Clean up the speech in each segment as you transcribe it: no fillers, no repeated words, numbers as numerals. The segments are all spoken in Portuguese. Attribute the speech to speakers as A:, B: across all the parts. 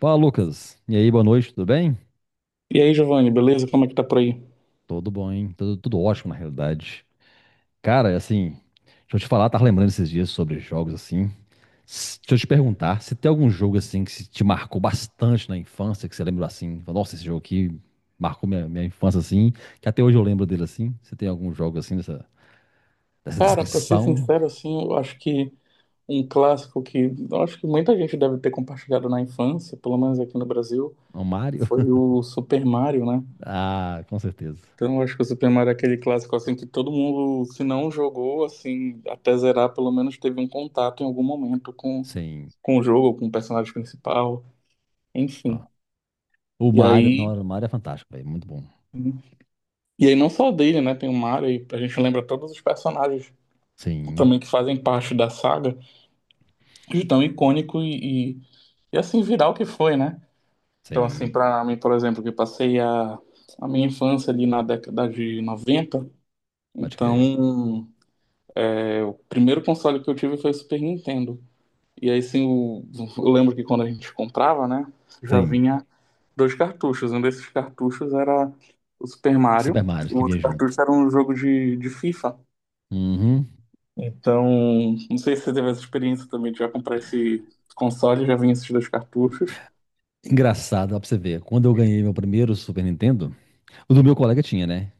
A: Fala, Lucas. E aí, boa noite, tudo bem?
B: E aí, Giovanni, beleza? Como é que tá por aí?
A: Tudo bom, hein? Tudo ótimo, na realidade. Cara, é assim, deixa eu te falar, tava lembrando esses dias sobre jogos, assim. Deixa eu te perguntar, se tem algum jogo, assim, que se te marcou bastante na infância, que você lembra, assim, fala, nossa, esse jogo aqui marcou minha infância, assim, que até hoje eu lembro dele, assim. Você tem algum jogo, assim, dessa
B: Cara, pra ser
A: descrição?
B: sincero, assim, eu acho que um clássico que eu acho que muita gente deve ter compartilhado na infância, pelo menos aqui no Brasil,
A: O Mario?
B: foi o Super Mario, né?
A: Ah, com certeza.
B: Então, eu acho que o Super Mario é aquele clássico, assim, que todo mundo, se não jogou, assim, até zerar, pelo menos teve um contato em algum momento com,
A: Sim.
B: com o jogo, com o personagem principal,
A: Ó,
B: enfim.
A: o
B: E
A: Mario, não,
B: aí,
A: o Mario é fantástico, velho, muito bom.
B: e aí, não só dele, né? Tem o Mario, e a gente lembra todos os personagens
A: Sim,
B: também que fazem parte da saga. De tão icônico e assim viral que foi, né? Então, assim,
A: sim,
B: para mim, por exemplo, que eu passei a minha infância ali na década de 90,
A: pode crer.
B: então, o primeiro console que eu tive foi o Super Nintendo. E aí, sim, eu lembro que quando a gente comprava, né, já
A: Sim.
B: vinha dois cartuchos. Um desses cartuchos era o Super
A: Super
B: Mario,
A: Mario,
B: o
A: que vinha
B: outro
A: junto.
B: cartucho era um jogo de FIFA.
A: Uhum.
B: Então, não sei se você teve essa experiência também de já comprar esse console, já vinha esses dois cartuchos.
A: Engraçado, ó, pra você ver. Quando eu ganhei meu primeiro Super Nintendo, o do meu colega tinha, né?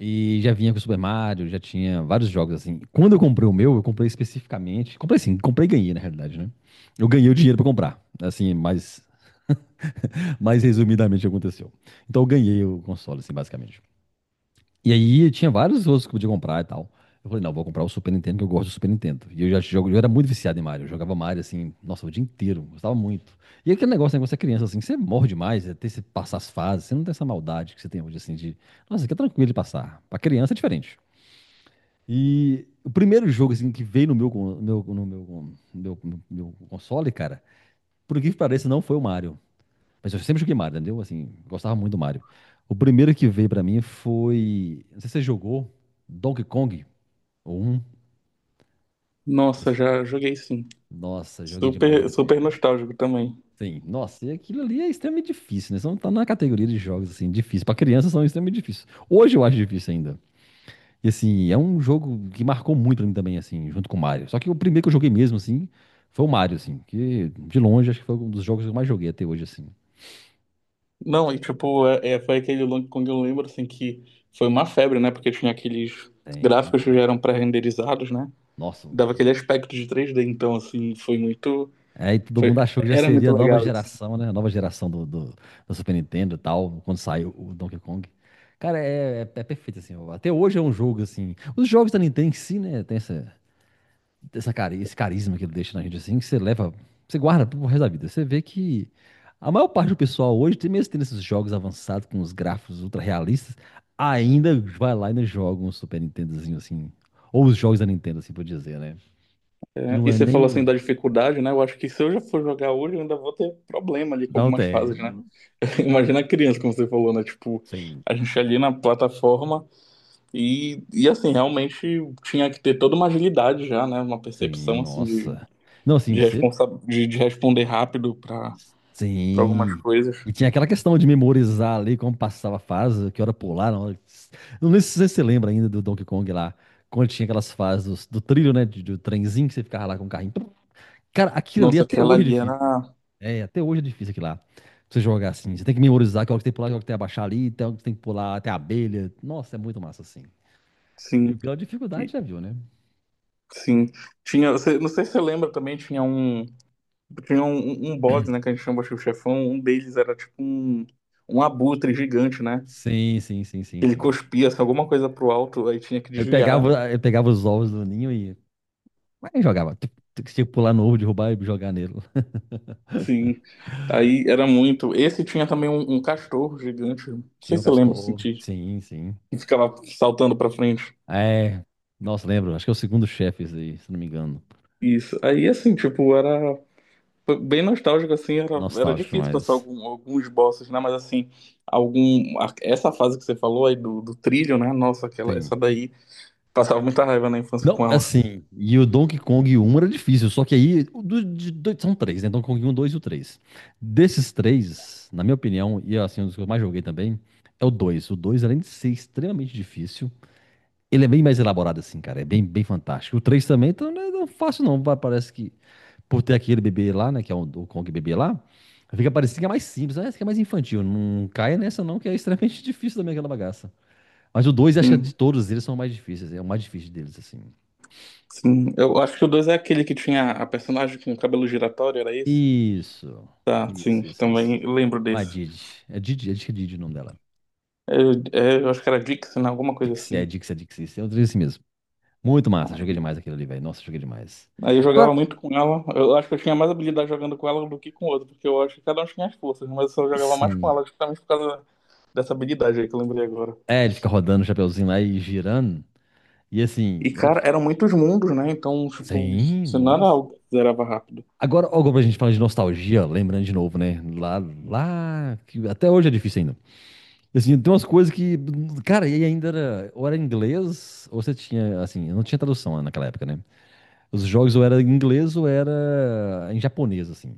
A: E já vinha com o Super Mario, já tinha vários jogos assim. Quando eu comprei o meu, eu comprei especificamente. Comprei sim, comprei e ganhei, na realidade, né? Eu ganhei o dinheiro pra comprar. Assim, mais resumidamente aconteceu. Então eu ganhei o console, assim, basicamente. E aí eu tinha vários outros que eu podia comprar e tal. Eu falei, não, vou comprar o Super Nintendo, que eu gosto do Super Nintendo. E eu já jogo, eu era muito viciado em Mario. Eu jogava Mario assim, nossa, o dia inteiro, gostava muito. E é aquele negócio, né, quando você é criança, assim, você morre demais, até você passar as fases, você não tem essa maldade que você tem hoje, assim, de. Nossa, aqui é tranquilo de passar. Pra criança é diferente. E o primeiro jogo, assim, que veio no meu, no meu console, cara, por que pareça, não foi o Mario. Mas eu sempre joguei Mario, entendeu? Assim, gostava muito do Mario. O primeiro que veio pra mim foi. Não sei se você jogou Donkey Kong ou um.
B: Nossa, já joguei sim.
A: Nossa, joguei demais
B: Super,
A: aquele trem,
B: super
A: velho.
B: nostálgico também.
A: Sim, nossa, e aquilo ali é extremamente difícil, né? Só não tá na categoria de jogos, assim, difícil. Pra criança são extremamente difíceis. Hoje eu acho difícil ainda. E assim, é um jogo que marcou muito pra mim também, assim, junto com o Mario. Só que o primeiro que eu joguei mesmo, assim, foi o Mario, assim, que de longe acho que foi um dos jogos que eu mais joguei até hoje, assim.
B: Não, e tipo, foi aquele Long Kong, eu lembro assim que foi uma febre, né? Porque tinha aqueles gráficos que
A: Tem-
B: já eram pré-renderizados, né?
A: Nossa.
B: Dava aquele aspecto de 3D, então assim, foi muito.
A: Aí todo
B: foi-
A: mundo achou que já
B: Era
A: seria
B: muito
A: a nova
B: legal isso, né?
A: geração, né? A nova geração do Super Nintendo e tal, quando saiu o Donkey Kong. Cara, é perfeito, assim. Até hoje é um jogo, assim. Os jogos da Nintendo em si, né? Tem essa, essa cari esse carisma que ele deixa na gente, assim, que você leva, você guarda pro resto da vida. Você vê que a maior parte do pessoal hoje, mesmo tendo esses jogos avançados com os gráficos ultra realistas, ainda vai lá e ainda joga um Super Nintendozinho, assim. Ou os jogos da Nintendo, assim, por dizer, né? Que
B: É,
A: não
B: e
A: é
B: você falou
A: nem
B: assim
A: os.
B: da dificuldade, né? Eu acho que se eu já for jogar hoje, eu ainda vou ter problema ali com
A: Não,
B: algumas
A: é.
B: fases, né? Imagina a criança, como você falou, né? Tipo,
A: Sim.
B: a gente ali na plataforma. E assim, realmente tinha que ter toda uma agilidade já, né? Uma
A: Sim,
B: percepção assim de,
A: nossa. Não,
B: de,
A: assim, você.
B: responsa de, de responder rápido para algumas
A: Sim.
B: coisas.
A: E tinha aquela questão de memorizar ali como passava a fase, que hora pular, não. Não sei se você lembra ainda do Donkey Kong lá, quando tinha aquelas fases do trilho, né, do trenzinho que você ficava lá com o carrinho. Cara, aquilo ali
B: Nossa,
A: até
B: aquela
A: hoje é
B: ali
A: difícil.
B: era.
A: É, até hoje é difícil aquilo lá. Pra você jogar assim, você tem que memorizar que hora que tem que pular, que hora que tem que abaixar ali, tem hora que tem que pular até a abelha. Nossa, é muito massa assim. E o
B: Sim,
A: grau de dificuldade
B: e-
A: já viu, né?
B: sim. Tinha, não sei se você lembra também, tinha um. Tinha um boss, né? Que a gente chama de chefão. Um deles era tipo um abutre gigante, né?
A: Sim, sim, sim, sim,
B: Ele
A: sim.
B: cuspia assim, alguma coisa pro alto, aí tinha que
A: Ele
B: desviar.
A: pegava, ele pegava os ovos do ninho e mas jogava. Tem tem que Tinha que pular no ovo, derrubar e jogar nele.
B: Sim. Aí era muito. Esse tinha também um castor gigante. Não
A: Tinha
B: sei
A: um
B: se você lembra, assim,
A: castor. Sim, sim.
B: e ficava saltando pra frente.
A: É. Nossa, lembro. Acho que é o segundo chefe esse aí, se não me engano.
B: Isso. Aí, assim, tipo, era foi bem nostálgico, assim, era
A: Nostálgico,
B: difícil passar
A: mas.
B: alguns bosses, né? Mas, assim, essa fase que você falou aí do trilho, né? Nossa,
A: Sim.
B: essa daí, passava muita raiva na infância com
A: Não,
B: ela.
A: assim. E o Donkey Kong um era difícil. Só que aí o do- de são três, né? Donkey Kong um, 2 e o 3. Desses três, na minha opinião, e assim, um dos que eu mais joguei também, é o 2. O dois, além de ser extremamente difícil, ele é bem mais elaborado, assim, cara. É bem fantástico. O 3 também, então não é tão fácil, não. Parece que por ter aquele bebê lá, né? Que é o Kong bebê lá, fica parecendo que é mais simples, né? Que é mais infantil. Não caia nessa, não, que é extremamente difícil também aquela bagaça. Mas o 2 acho que
B: Sim,
A: de todos eles são mais difíceis. É o mais difícil deles, assim.
B: sim. Eu acho que o 2 é aquele que tinha a personagem com o cabelo giratório, era esse?
A: Isso.
B: Tá, sim,
A: Isso, isso, isso.
B: também lembro
A: A
B: desse.
A: Didi. É Didi, acho que é Didi o nome dela.
B: Eu acho que era Dixon, alguma coisa
A: Dixie, é
B: assim.
A: Dixie, é Dixie. É o assim mesmo. Muito massa, joguei demais aquilo ali, velho. Nossa, joguei demais.
B: Aí eu jogava
A: Agora,
B: muito com ela. Eu acho que eu tinha mais habilidade jogando com ela do que com o outro, porque eu acho que cada um tinha as forças, mas eu só jogava mais com
A: sim.
B: ela, justamente por causa dessa habilidade aí que eu lembrei agora.
A: É, ele fica rodando o chapeuzinho lá e girando. E
B: E,
A: assim, ela
B: cara,
A: fica.
B: eram muitos mundos, né? Então, tipo,
A: Sim,
B: você não era
A: nossa.
B: algo que zerava rápido.
A: Agora, ó, como a gente fala de nostalgia, lembrando de novo, né? Lá, que até hoje é difícil ainda. Assim, tem umas coisas que, cara, e ainda era, ou era inglês, ou você tinha, assim, não tinha tradução né, naquela época, né? Os jogos ou era em inglês ou era em japonês, assim.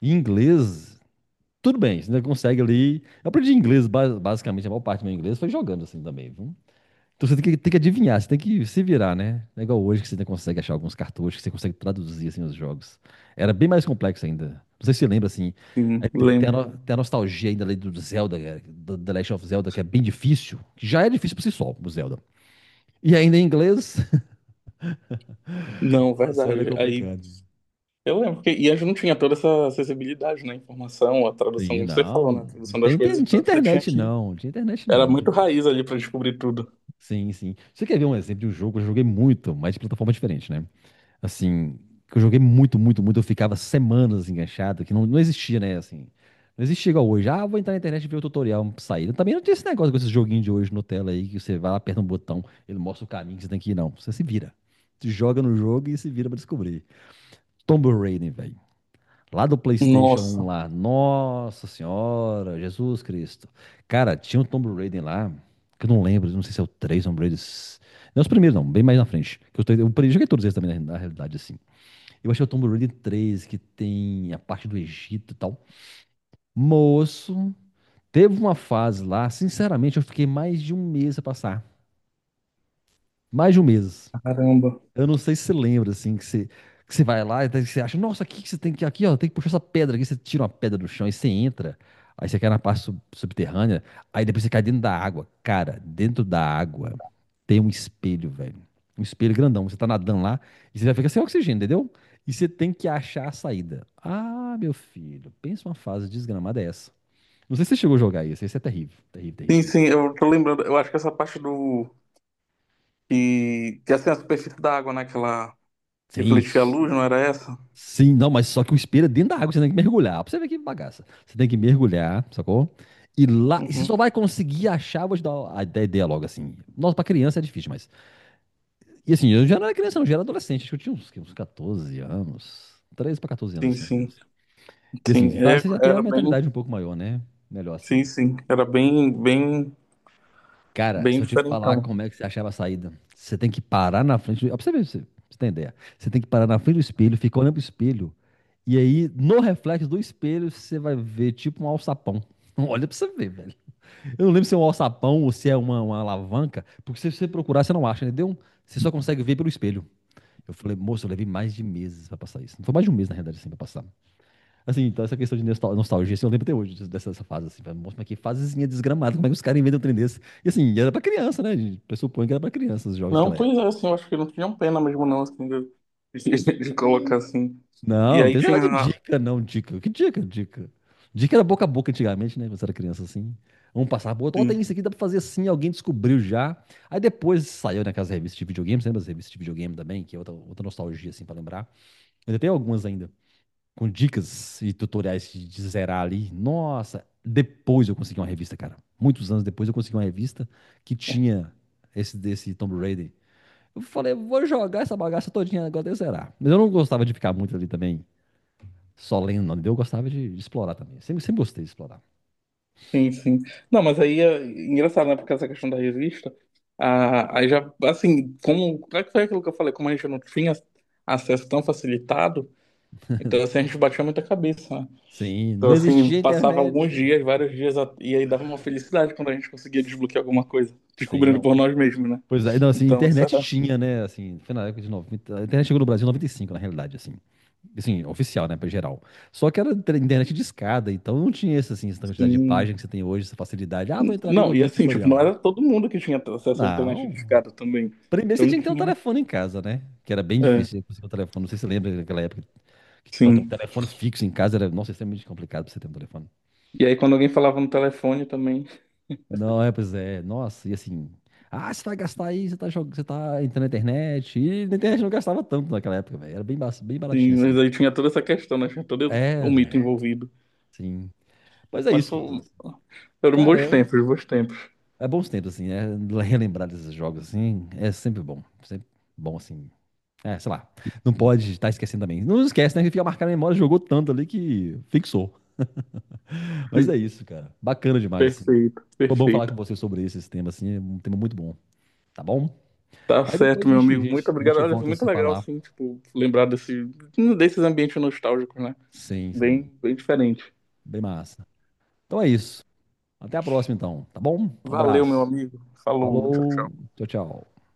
A: E inglês, tudo bem, você ainda consegue ali. Eu aprendi inglês, basicamente, a maior parte do meu inglês foi jogando, assim, também, viu? Então você tem que adivinhar, você tem que se virar, né? Não é igual hoje que você ainda consegue achar alguns cartuchos que você consegue traduzir assim, os jogos. Era bem mais complexo ainda. Não sei se você lembra assim.
B: Sim,
A: Tem a,
B: lembro.
A: tem a nostalgia ainda ali do Zelda, é, do The Last of Zelda, que é bem difícil. Que já é difícil por si só, o Zelda. E ainda em inglês.
B: Não,
A: Nossa, era
B: verdade. Aí
A: complicado.
B: eu lembro que e a gente não tinha toda essa acessibilidade, né? Informação, a tradução,
A: Sim,
B: como você falou, né? A
A: não
B: tradução
A: tem,
B: das coisas,
A: não tinha
B: então você tinha
A: internet
B: que.
A: não, não tinha internet
B: Era
A: não. não
B: muito
A: tinha-
B: raiz ali pra descobrir tudo.
A: Sim, sim. Você quer ver um exemplo de um jogo que eu joguei muito, mas de plataforma diferente, né? Assim, que eu joguei muito, eu ficava semanas enganchado, que não existia, né, assim, não existia igual hoje, ah, vou entrar na internet e ver o tutorial pra sair, também não tinha esse negócio com esses joguinhos de hoje no tela aí, que você vai lá, aperta um botão, ele mostra o caminho que você tem que ir, não, você se vira, se joga no jogo e se vira pra descobrir. Tomb Raider, velho, lá do PlayStation um
B: Nossa,
A: lá, nossa senhora, Jesus Cristo, cara, tinha um Tomb Raider lá, que eu não lembro, não sei se é o 3 Tomb Raider... Não é os primeiros, não, bem mais na frente. Que os três- eu joguei todos eles também, na realidade, assim. Eu achei o Tomb Raider 3, que tem a parte do Egito e tal. Moço, teve uma fase lá, sinceramente, eu fiquei mais de um mês a passar. Mais de um mês.
B: caramba.
A: Eu não sei se você lembra, assim, que você vai lá e daí você acha, nossa, aqui que você tem que, aqui, ó, tem que puxar essa pedra aqui, você tira uma pedra do chão e você entra, aí você cai na parte subterrânea, aí depois você cai dentro da água. Cara, dentro da água tem um espelho, velho. Um espelho grandão. Você tá nadando lá e você já fica sem oxigênio, entendeu? E você tem que achar a saída. Ah, meu filho, pensa uma fase desgramada é essa. Não sei se você chegou a jogar isso, isso é terrível, terrível, terrível,
B: Sim,
A: terrível.
B: sim, eu tô lembrando. Eu acho que essa parte do E que é, assim, a superfície da água, né? Que ela
A: Sim,
B: refletia a luz, não era essa?
A: Sim, não, mas só que o espelho é dentro da água, você tem que mergulhar. Pra você ver que bagaça. Você tem que mergulhar, sacou? E lá, e você
B: Uhum.
A: só vai conseguir achar, vou te dar a ideia logo assim. Nossa, pra criança é difícil, mas. E assim, eu já não era criança, não, eu já era adolescente. Acho que eu tinha uns 14 anos. 13 pra 14 anos,
B: Sim,
A: assim, mais ou
B: sim.
A: menos. E assim,
B: Sim,
A: você, tá, você já tem a
B: era bem.
A: mentalidade um pouco maior, né? Melhor
B: Sim,
A: assim.
B: sim. Era bem, bem,
A: Cara,
B: bem
A: se eu te falar
B: diferentão.
A: como é que você achava a saída, você tem que parar na frente. Ó, pra você ver, pra você ter ideia. Você tem que parar na frente do espelho, ficar olhando pro espelho. E aí, no reflexo do espelho, você vai ver tipo um alçapão. Olha pra você ver, velho. Eu não lembro se é um alçapão ou se é uma alavanca, porque se você procurar, você não acha, entendeu? Você só consegue ver pelo espelho. Eu falei, moço, eu levei mais de meses pra passar isso. Não foi mais de um mês, na realidade, assim, pra passar. Assim, então essa questão de nostalgia, assim, eu lembro até hoje dessa fase, assim, falei, nossa, mas que fasezinha desgramada, como é que os caras inventam um trem desse? E assim, era pra criança, né? A gente pressupõe que era pra criança os jogos
B: Não,
A: daquela
B: pois é,
A: época.
B: assim, eu acho que não tinham pena mesmo, não, assim, de colocar assim.
A: Não,
B: E
A: não
B: aí
A: tem esse negócio de
B: tinha.
A: dica, não, dica. Que dica? Dica era boca a boca antigamente, né? Quando você era criança, assim. Vamos passar, pô, ó,
B: Sim,
A: tem isso aqui, dá pra fazer assim, alguém descobriu já. Aí depois saiu naquelas revistas de videogame, você lembra das revistas de videogame também, que é outra nostalgia, assim, pra lembrar. Mas tem algumas ainda com dicas e tutoriais de zerar ali. Nossa, depois eu consegui uma revista, cara. Muitos anos depois eu consegui uma revista que tinha esse desse Tomb Raider. Eu falei, vou jogar essa bagaça todinha agora de zerar. Mas eu não gostava de ficar muito ali também, só lendo, não. Eu gostava de explorar também. Sempre gostei de explorar.
B: sim, sim. Não, mas aí é engraçado, né? Porque essa questão da revista. Ah, aí já, assim, Como é que foi aquilo que eu falei? Como a gente não tinha acesso tão facilitado, então assim, a gente batia muita cabeça, né?
A: Sim,
B: Então,
A: não existia
B: assim, passava alguns
A: internet.
B: dias, vários dias, e aí dava uma felicidade quando a gente conseguia desbloquear alguma coisa,
A: Sim,
B: descobrindo
A: não.
B: por nós mesmos, né?
A: Pois é, não, assim,
B: Então, isso
A: internet
B: era
A: tinha, né? Assim, foi na época de 90. A internet chegou no Brasil em 95, na realidade, assim. Assim, oficial, né, pra geral. Só que era internet de escada, então não tinha essa, assim, essa quantidade de
B: assim.
A: páginas que você tem hoje, essa facilidade. Ah, vou entrar ali e vou
B: Não,
A: ver
B: e
A: um
B: assim, tipo, não
A: tutorial.
B: era todo mundo que tinha acesso à internet
A: Não.
B: discada também.
A: Primeiro você
B: Então
A: tinha que ter um
B: tinha.
A: telefone em casa, né? Que era bem
B: É,
A: difícil você conseguir um telefone. Não sei se você lembra daquela época que pra ter um
B: sim.
A: telefone fixo em casa era, nossa, extremamente complicado pra você ter um telefone.
B: E aí, quando alguém falava no telefone também,
A: Não, é, pois é. Nossa, e assim. Ah, você vai gastar aí, você tá, você tá entrando na internet. E na internet não gastava tanto naquela época, velho. Era bem, bem baratinho
B: sim,
A: assim.
B: mas aí tinha toda essa questão, né? Tinha todo o mito
A: Era,
B: envolvido.
A: sim. Mas é
B: Mas
A: isso, Lucas.
B: eram
A: Cara,
B: bons
A: é
B: tempos, bons tempos.
A: é bons tempos, assim, é, relembrar desses jogos, assim, é sempre bom. Sempre bom, assim. É, sei lá. Não pode estar esquecendo também. Não esquece, né? Que fica marcado na memória, jogou tanto ali que fixou. Mas é
B: Sim,
A: isso, cara. Bacana demais, assim.
B: perfeito,
A: Foi bom falar
B: perfeito.
A: com você sobre esse tema, assim. É um tema muito bom, tá bom?
B: Tá
A: Aí depois
B: certo, meu amigo. Muito
A: a
B: obrigado.
A: gente
B: Olha, foi
A: volta a
B: muito
A: se
B: legal,
A: falar.
B: assim, tipo, lembrar desses ambientes nostálgicos, né?
A: Sim,
B: Bem,
A: sim.
B: bem diferente.
A: Bem massa. Então é isso. Até a próxima, então, tá bom? Um
B: Valeu, meu
A: abraço.
B: amigo. Falou, tchau,
A: Falou.
B: tchau.
A: Tchau, tchau.